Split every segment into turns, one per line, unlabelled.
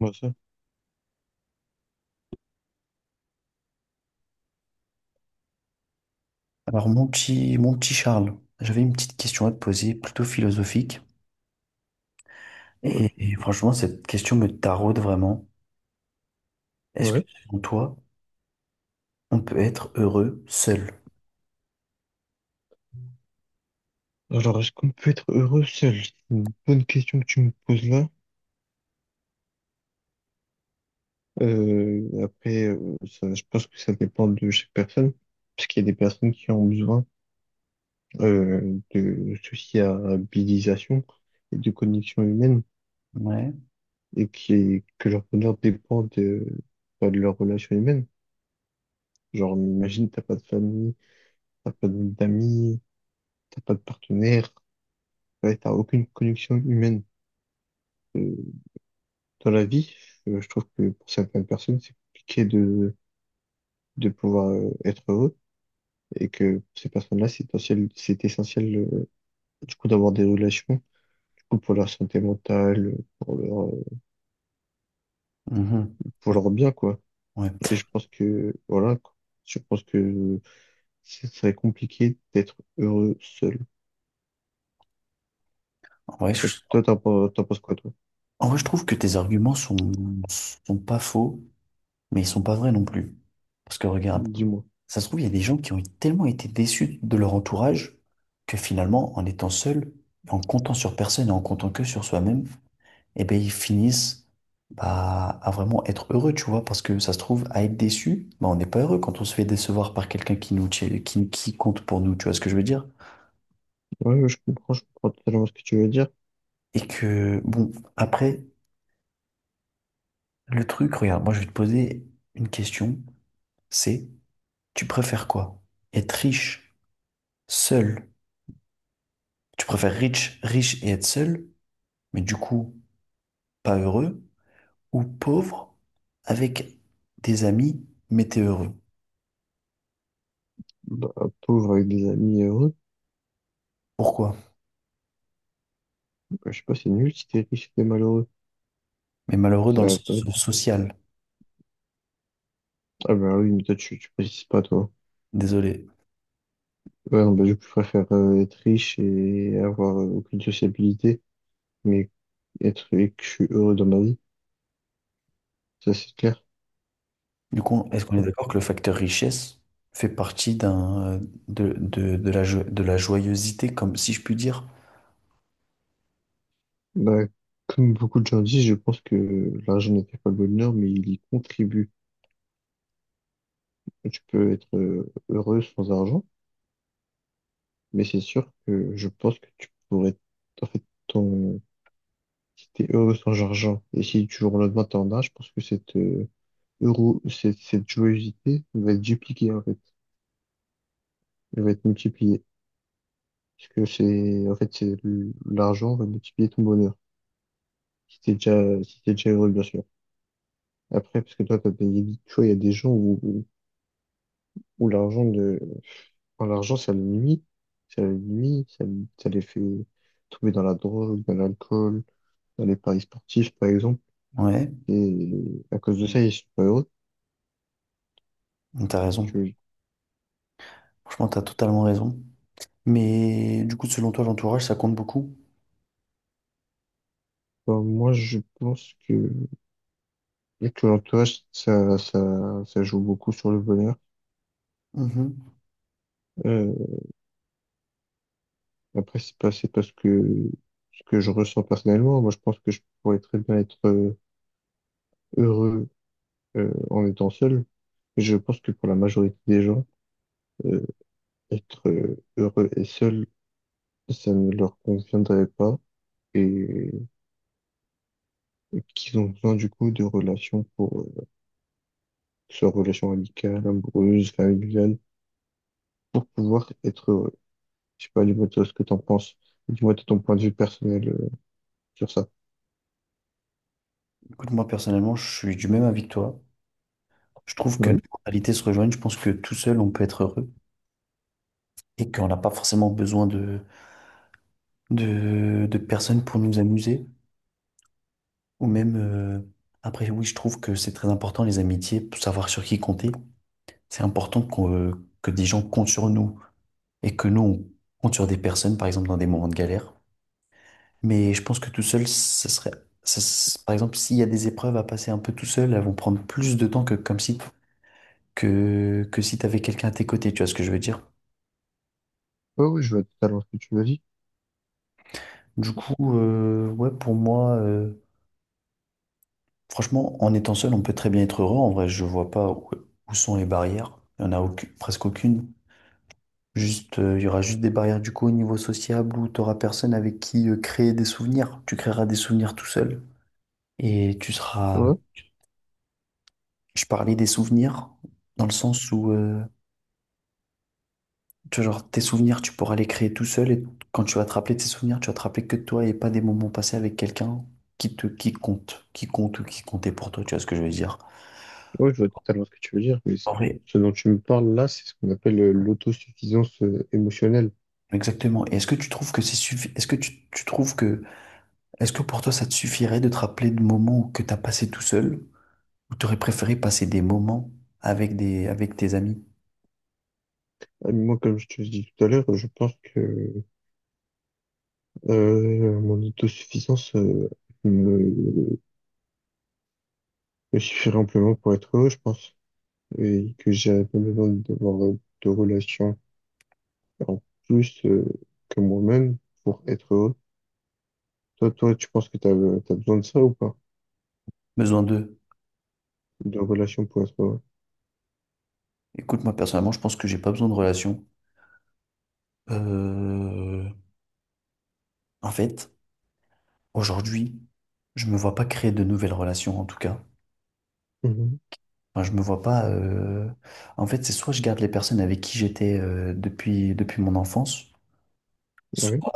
Moi ça.
Alors, mon petit Charles, j'avais une petite question à te poser, plutôt philosophique. Et franchement, cette question me taraude vraiment. Est-ce que,
Ouais.
selon toi, on peut être heureux seul?
Alors, est-ce qu'on peut être heureux seul? C'est une bonne question que tu me poses là. Après, ça, je pense que ça dépend de chaque personne, parce qu'il y a des personnes qui ont besoin de sociabilisation et de connexion humaine,
Ouais.
et qui, que leur bonheur dépend de, bah, de leur relation humaine. Genre, imagine, t'as pas de famille, t'as pas d'amis, t'as pas de partenaire, ouais, t'as aucune connexion humaine. Euh, dans la vie, je trouve que pour certaines personnes, c'est compliqué de pouvoir être heureux et que pour ces personnes-là, c'est essentiel du coup d'avoir des relations, du coup pour leur santé mentale,
Mhm.
pour leur bien quoi.
Ouais.
Et je pense que voilà, quoi. Je pense que ce serait compliqué d'être heureux seul.
En vrai, je,
Toi, t'en penses quoi, toi?
En vrai, je trouve que tes arguments sont, sont pas faux, mais ils sont pas vrais non plus. Parce que regarde,
Dis-moi.
ça se trouve, il y a des gens qui ont tellement été déçus de leur entourage que finalement, en étant seul, en comptant sur personne et en comptant que sur soi-même, eh ben, ils finissent bah, à vraiment être heureux, tu vois, parce que ça se trouve, à être déçu, bah, on n'est pas heureux quand on se fait décevoir par quelqu'un qui nous, qui compte pour nous, tu vois ce que je veux dire?
Ouais, ouais, je comprends totalement ce que tu veux dire.
Et que, bon, après, le truc, regarde, moi je vais te poser une question, c'est, tu préfères quoi? Être riche, seul? Tu préfères riche, riche et être seul, mais du coup, pas heureux, ou pauvre, avec des amis, mais t'es heureux?
Bah, pauvre avec des amis heureux,
Pourquoi?
bah, je sais pas, c'est nul si t'es riche et t'es malheureux.
Mais malheureux dans le
Ça,
sens social,
ah ben oui, mais tu précises pas toi.
désolé.
Ouais, bah, je préfère être riche et avoir aucune sociabilité, mais être et que je suis heureux dans ma vie, ça c'est clair.
Du coup, est-ce qu'on est
Ah,
d'accord que le facteur richesse fait partie d'un, de la, jo- de la joyeuseté, comme si je puis dire?
bah, comme beaucoup de gens disent, je pense que l'argent ne fait pas le bonheur, mais il y contribue. Tu peux être heureux sans argent, mais c'est sûr que je pense que tu pourrais, en fait, ton, si t'es heureux sans argent, et si tu jour au lendemain t'en as, je pense que cette, euro, cette joyeuseté va être dupliquée en fait, elle va être multipliée. Parce que c'est, en fait, c'est l'argent va multiplier ton bonheur. Si t'es déjà heureux, bien sûr. Après, parce que toi, t'as payé vite. Tu vois, il y a des gens où l'argent de, enfin, l'argent, ça le nuit. Ça le nuit, ça, ça les fait tomber dans la drogue, dans l'alcool, dans les paris sportifs, par exemple.
Ouais,
Et à cause de ça, ils sont pas heureux.
t'as raison.
Tu-
Franchement, t'as totalement raison. Mais du coup, selon toi, l'entourage, ça compte beaucoup?
enfin, moi, je pense que l'entourage, ça joue beaucoup sur le bonheur.
Mhm.
Euh, Après, c'est pas ce que, ce que je ressens personnellement. Moi, je pense que je pourrais très bien être heureux en étant seul. Et je pense que pour la majorité des gens, euh, être heureux et seul, ça ne leur conviendrait pas et, et qu'ils ont besoin du coup de relations pour, que ce soit relations amicales, amoureuses, familiales, pour pouvoir être heureux. Je sais pas, dis-moi toi ce que t'en penses. Dis-moi toi ton point de vue personnel sur ça.
Écoute, moi, personnellement, je suis du même avis que toi. Je trouve que nos
Ouais.
mentalités se rejoignent. Je pense que tout seul, on peut être heureux et qu'on n'a pas forcément besoin de, de personnes pour nous amuser. Ou même, après, oui, je trouve que c'est très important, les amitiés, pour savoir sur qui compter. C'est important qu'on- que des gens comptent sur nous et que nous, on compte sur des personnes, par exemple, dans des moments de galère. Mais je pense que tout seul, ça serait, ça s- par exemple, s'il y a des épreuves à passer un peu tout seul, elles vont prendre plus de temps que comme si, que si t'avais quelqu'un à tes côtés, tu vois ce que je veux dire?
Ouais, ouais, je vois totalement ce que tu m'as dit.
Du coup, ouais, pour moi, franchement, en étant seul, on peut très bien être heureux. En vrai, je vois pas où, où sont les barrières. Il y en a aucune- presque aucune. Juste, il y aura juste des barrières du coup au niveau sociable où tu personne avec qui créer des souvenirs. Tu créeras des souvenirs tout seul. Et tu seras... Je parlais des souvenirs dans le sens où, tu vois, genre, tes souvenirs, tu pourras les créer tout seul. Et quand tu vas te rappeler de tes souvenirs, tu vas te rappeler que de toi et pas des moments passés avec quelqu'un qui te, qui compte ou qui comptait pour toi. Tu vois ce que je veux dire?
Oui, je vois totalement ce que tu veux dire, mais
En vrai,
ce dont tu me parles là, c'est ce qu'on appelle l'autosuffisance émotionnelle.
exactement. Et est-ce que tu trouves que c'est suffi- Est-ce que tu trouves que... Est-ce que pour toi, ça te suffirait de te rappeler de moments que tu as passé tout seul? Ou t'aurais préféré passer des moments avec des, avec tes amis?
Moi, comme je te l'ai dit tout à l'heure, je pense que mon autosuffisance me, me suffirait amplement pour être heureux, je pense, et que j'avais pas besoin d'avoir de relations en plus que moi-même pour être heureux. Toi, tu penses que tu as, besoin de ça ou pas?
Besoin d'eux.
De relations pour être heureux?
Écoute, moi personnellement, je pense que j'ai pas besoin de relations. Euh, en fait, aujourd'hui, je me vois pas créer de nouvelles relations, en tout cas.
Mhm.
Enfin, je me vois pas. En fait, c'est soit je garde les personnes avec qui j'étais depuis, depuis mon enfance,
Ouais.
soit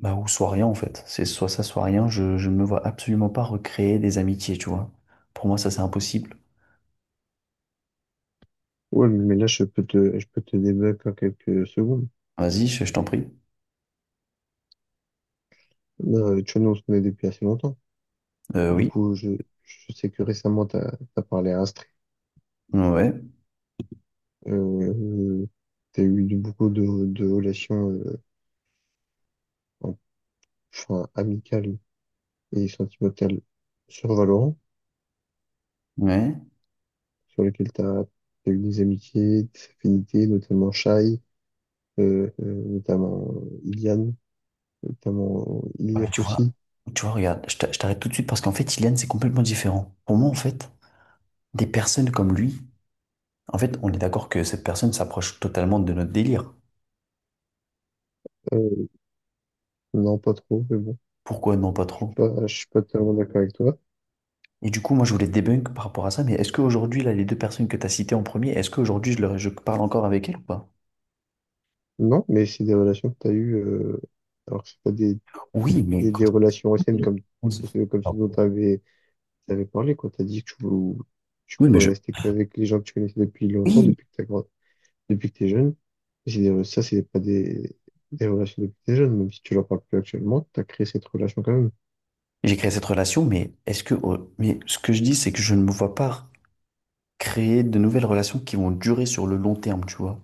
bah, ou soit rien en fait. C'est soit ça, soit rien. Je me vois absolument pas recréer des amitiés, tu vois. Pour moi, ça c'est impossible.
Ouais, mais là, je peux te débattre en quelques secondes.
Vas-y, je t'en prie.
Non, le Chono, on se connaît depuis assez longtemps. Du
Oui.
coup, je, je sais que récemment, tu as, parlé à Astrée.
Ouais.
Euh, tu as eu beaucoup de relations en- enfin, amicales et sentimentales sur Valorant,
Ouais.
sur lesquelles tu as, eu des amitiés, des affinités, notamment Shai, notamment Iliane, notamment
Ah, mais
Ilias aussi.
tu vois, regarde, je t'a- je t'arrête tout de suite parce qu'en fait, Ilian, c'est complètement différent. Pour moi, en fait, des personnes comme lui, en fait, on est d'accord que cette personne s'approche totalement de notre délire.
Euh, non, pas trop, mais bon,
Pourquoi non, pas trop?
je suis pas tellement d'accord avec toi.
Et du coup, moi, je voulais te débunk par rapport à ça, mais est-ce qu'aujourd'hui, là, les deux personnes que tu as citées en premier, est-ce qu'aujourd'hui, leur- je parle encore avec elles ou pas?
Non, mais c'est des relations que tu as eues, alors que c'est pas des
Oui, mais
et des
quand
relations anciennes
je-
comme,
on se-
comme ce dont tu avais, parlé, quoi. Tu as dit que tu
Oui, mais
pourrais
je...
rester qu'avec les gens que tu connaissais depuis longtemps,
Oui,
depuis que t'es jeune. Et c'est ça, c'est pas des, des relations depuis que t'es jeune, même si tu leur parles plus actuellement, tu as créé cette relation quand même.
j'ai créé cette relation, mais est-ce que... oh, mais ce que je dis, c'est que je ne me vois pas créer de nouvelles relations qui vont durer sur le long terme, tu vois.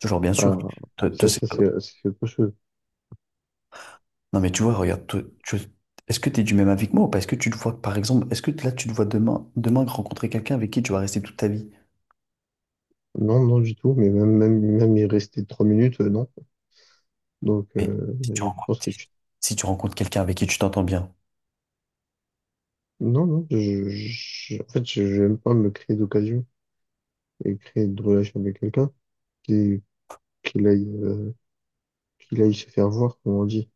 Genre, bien sûr,
Ah,
toi,
ça,
c'est pas-
c'est autre chose.
Non, mais tu vois, regarde, toi, tu- est-ce que tu es du même avis que moi ou pas? Est-ce que tu te vois, par exemple, est-ce que là, tu te vois demain, demain rencontrer quelqu'un avec qui tu vas rester toute ta vie?
Non, non, du tout, mais même y rester 3 minutes, non. Donc,
Mais si tu
je
rencontres,
pense que
si
tu.
si tu rencontres quelqu'un avec qui tu t'entends bien,
Non, non, en fait, je n'aime pas me créer d'occasion et créer de relation avec quelqu'un qui, qu'il aille qu'il aille se faire voir, comme on dit.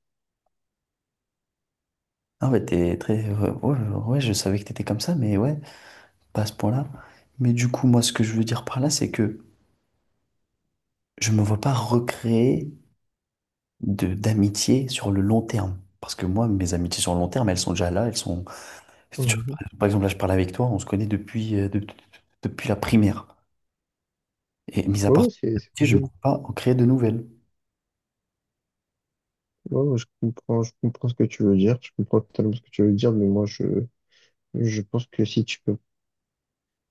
ah ouais, t'es très. Ouais, ouais, ouais, je savais que t'étais comme ça, mais ouais, pas à ce point-là. Mais du coup, moi, ce que je veux dire par là, c'est que je me vois pas recréer de d'amitié sur le long terme. Parce que moi, mes amitiés sur le long terme, elles sont déjà là, elles sont. Tu vois,
Mhm.
par exemple, là, je parle avec toi, on se connaît depuis, depuis la primaire. Et mis à
Ouais,
part
ouais, c'est
ça, je ne peux
possible.
pas en créer de nouvelles.
Ouais, ouais, je comprends ce que tu veux dire. Je comprends totalement ce que tu veux dire, mais je pense que si tu peux,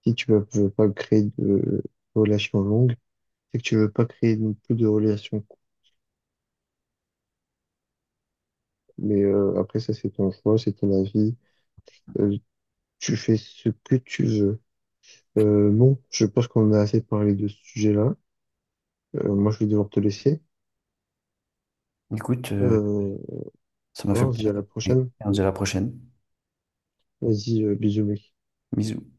si tu veux pas créer de relations longues, c'est que tu veux pas créer non plus de relations courtes. Mais après, ça, c'est ton choix, c'est ton avis. Euh, Tu fais ce que tu veux. Bon, je pense qu'on a assez parlé de ce sujet-là. Moi, je vais devoir te laisser.
Écoute,
Euh,
ça m'a fait
voilà, on se dit à
plaisir.
la prochaine.
On se dit à la prochaine.
Vas-y, bisous, mec.
Bisous.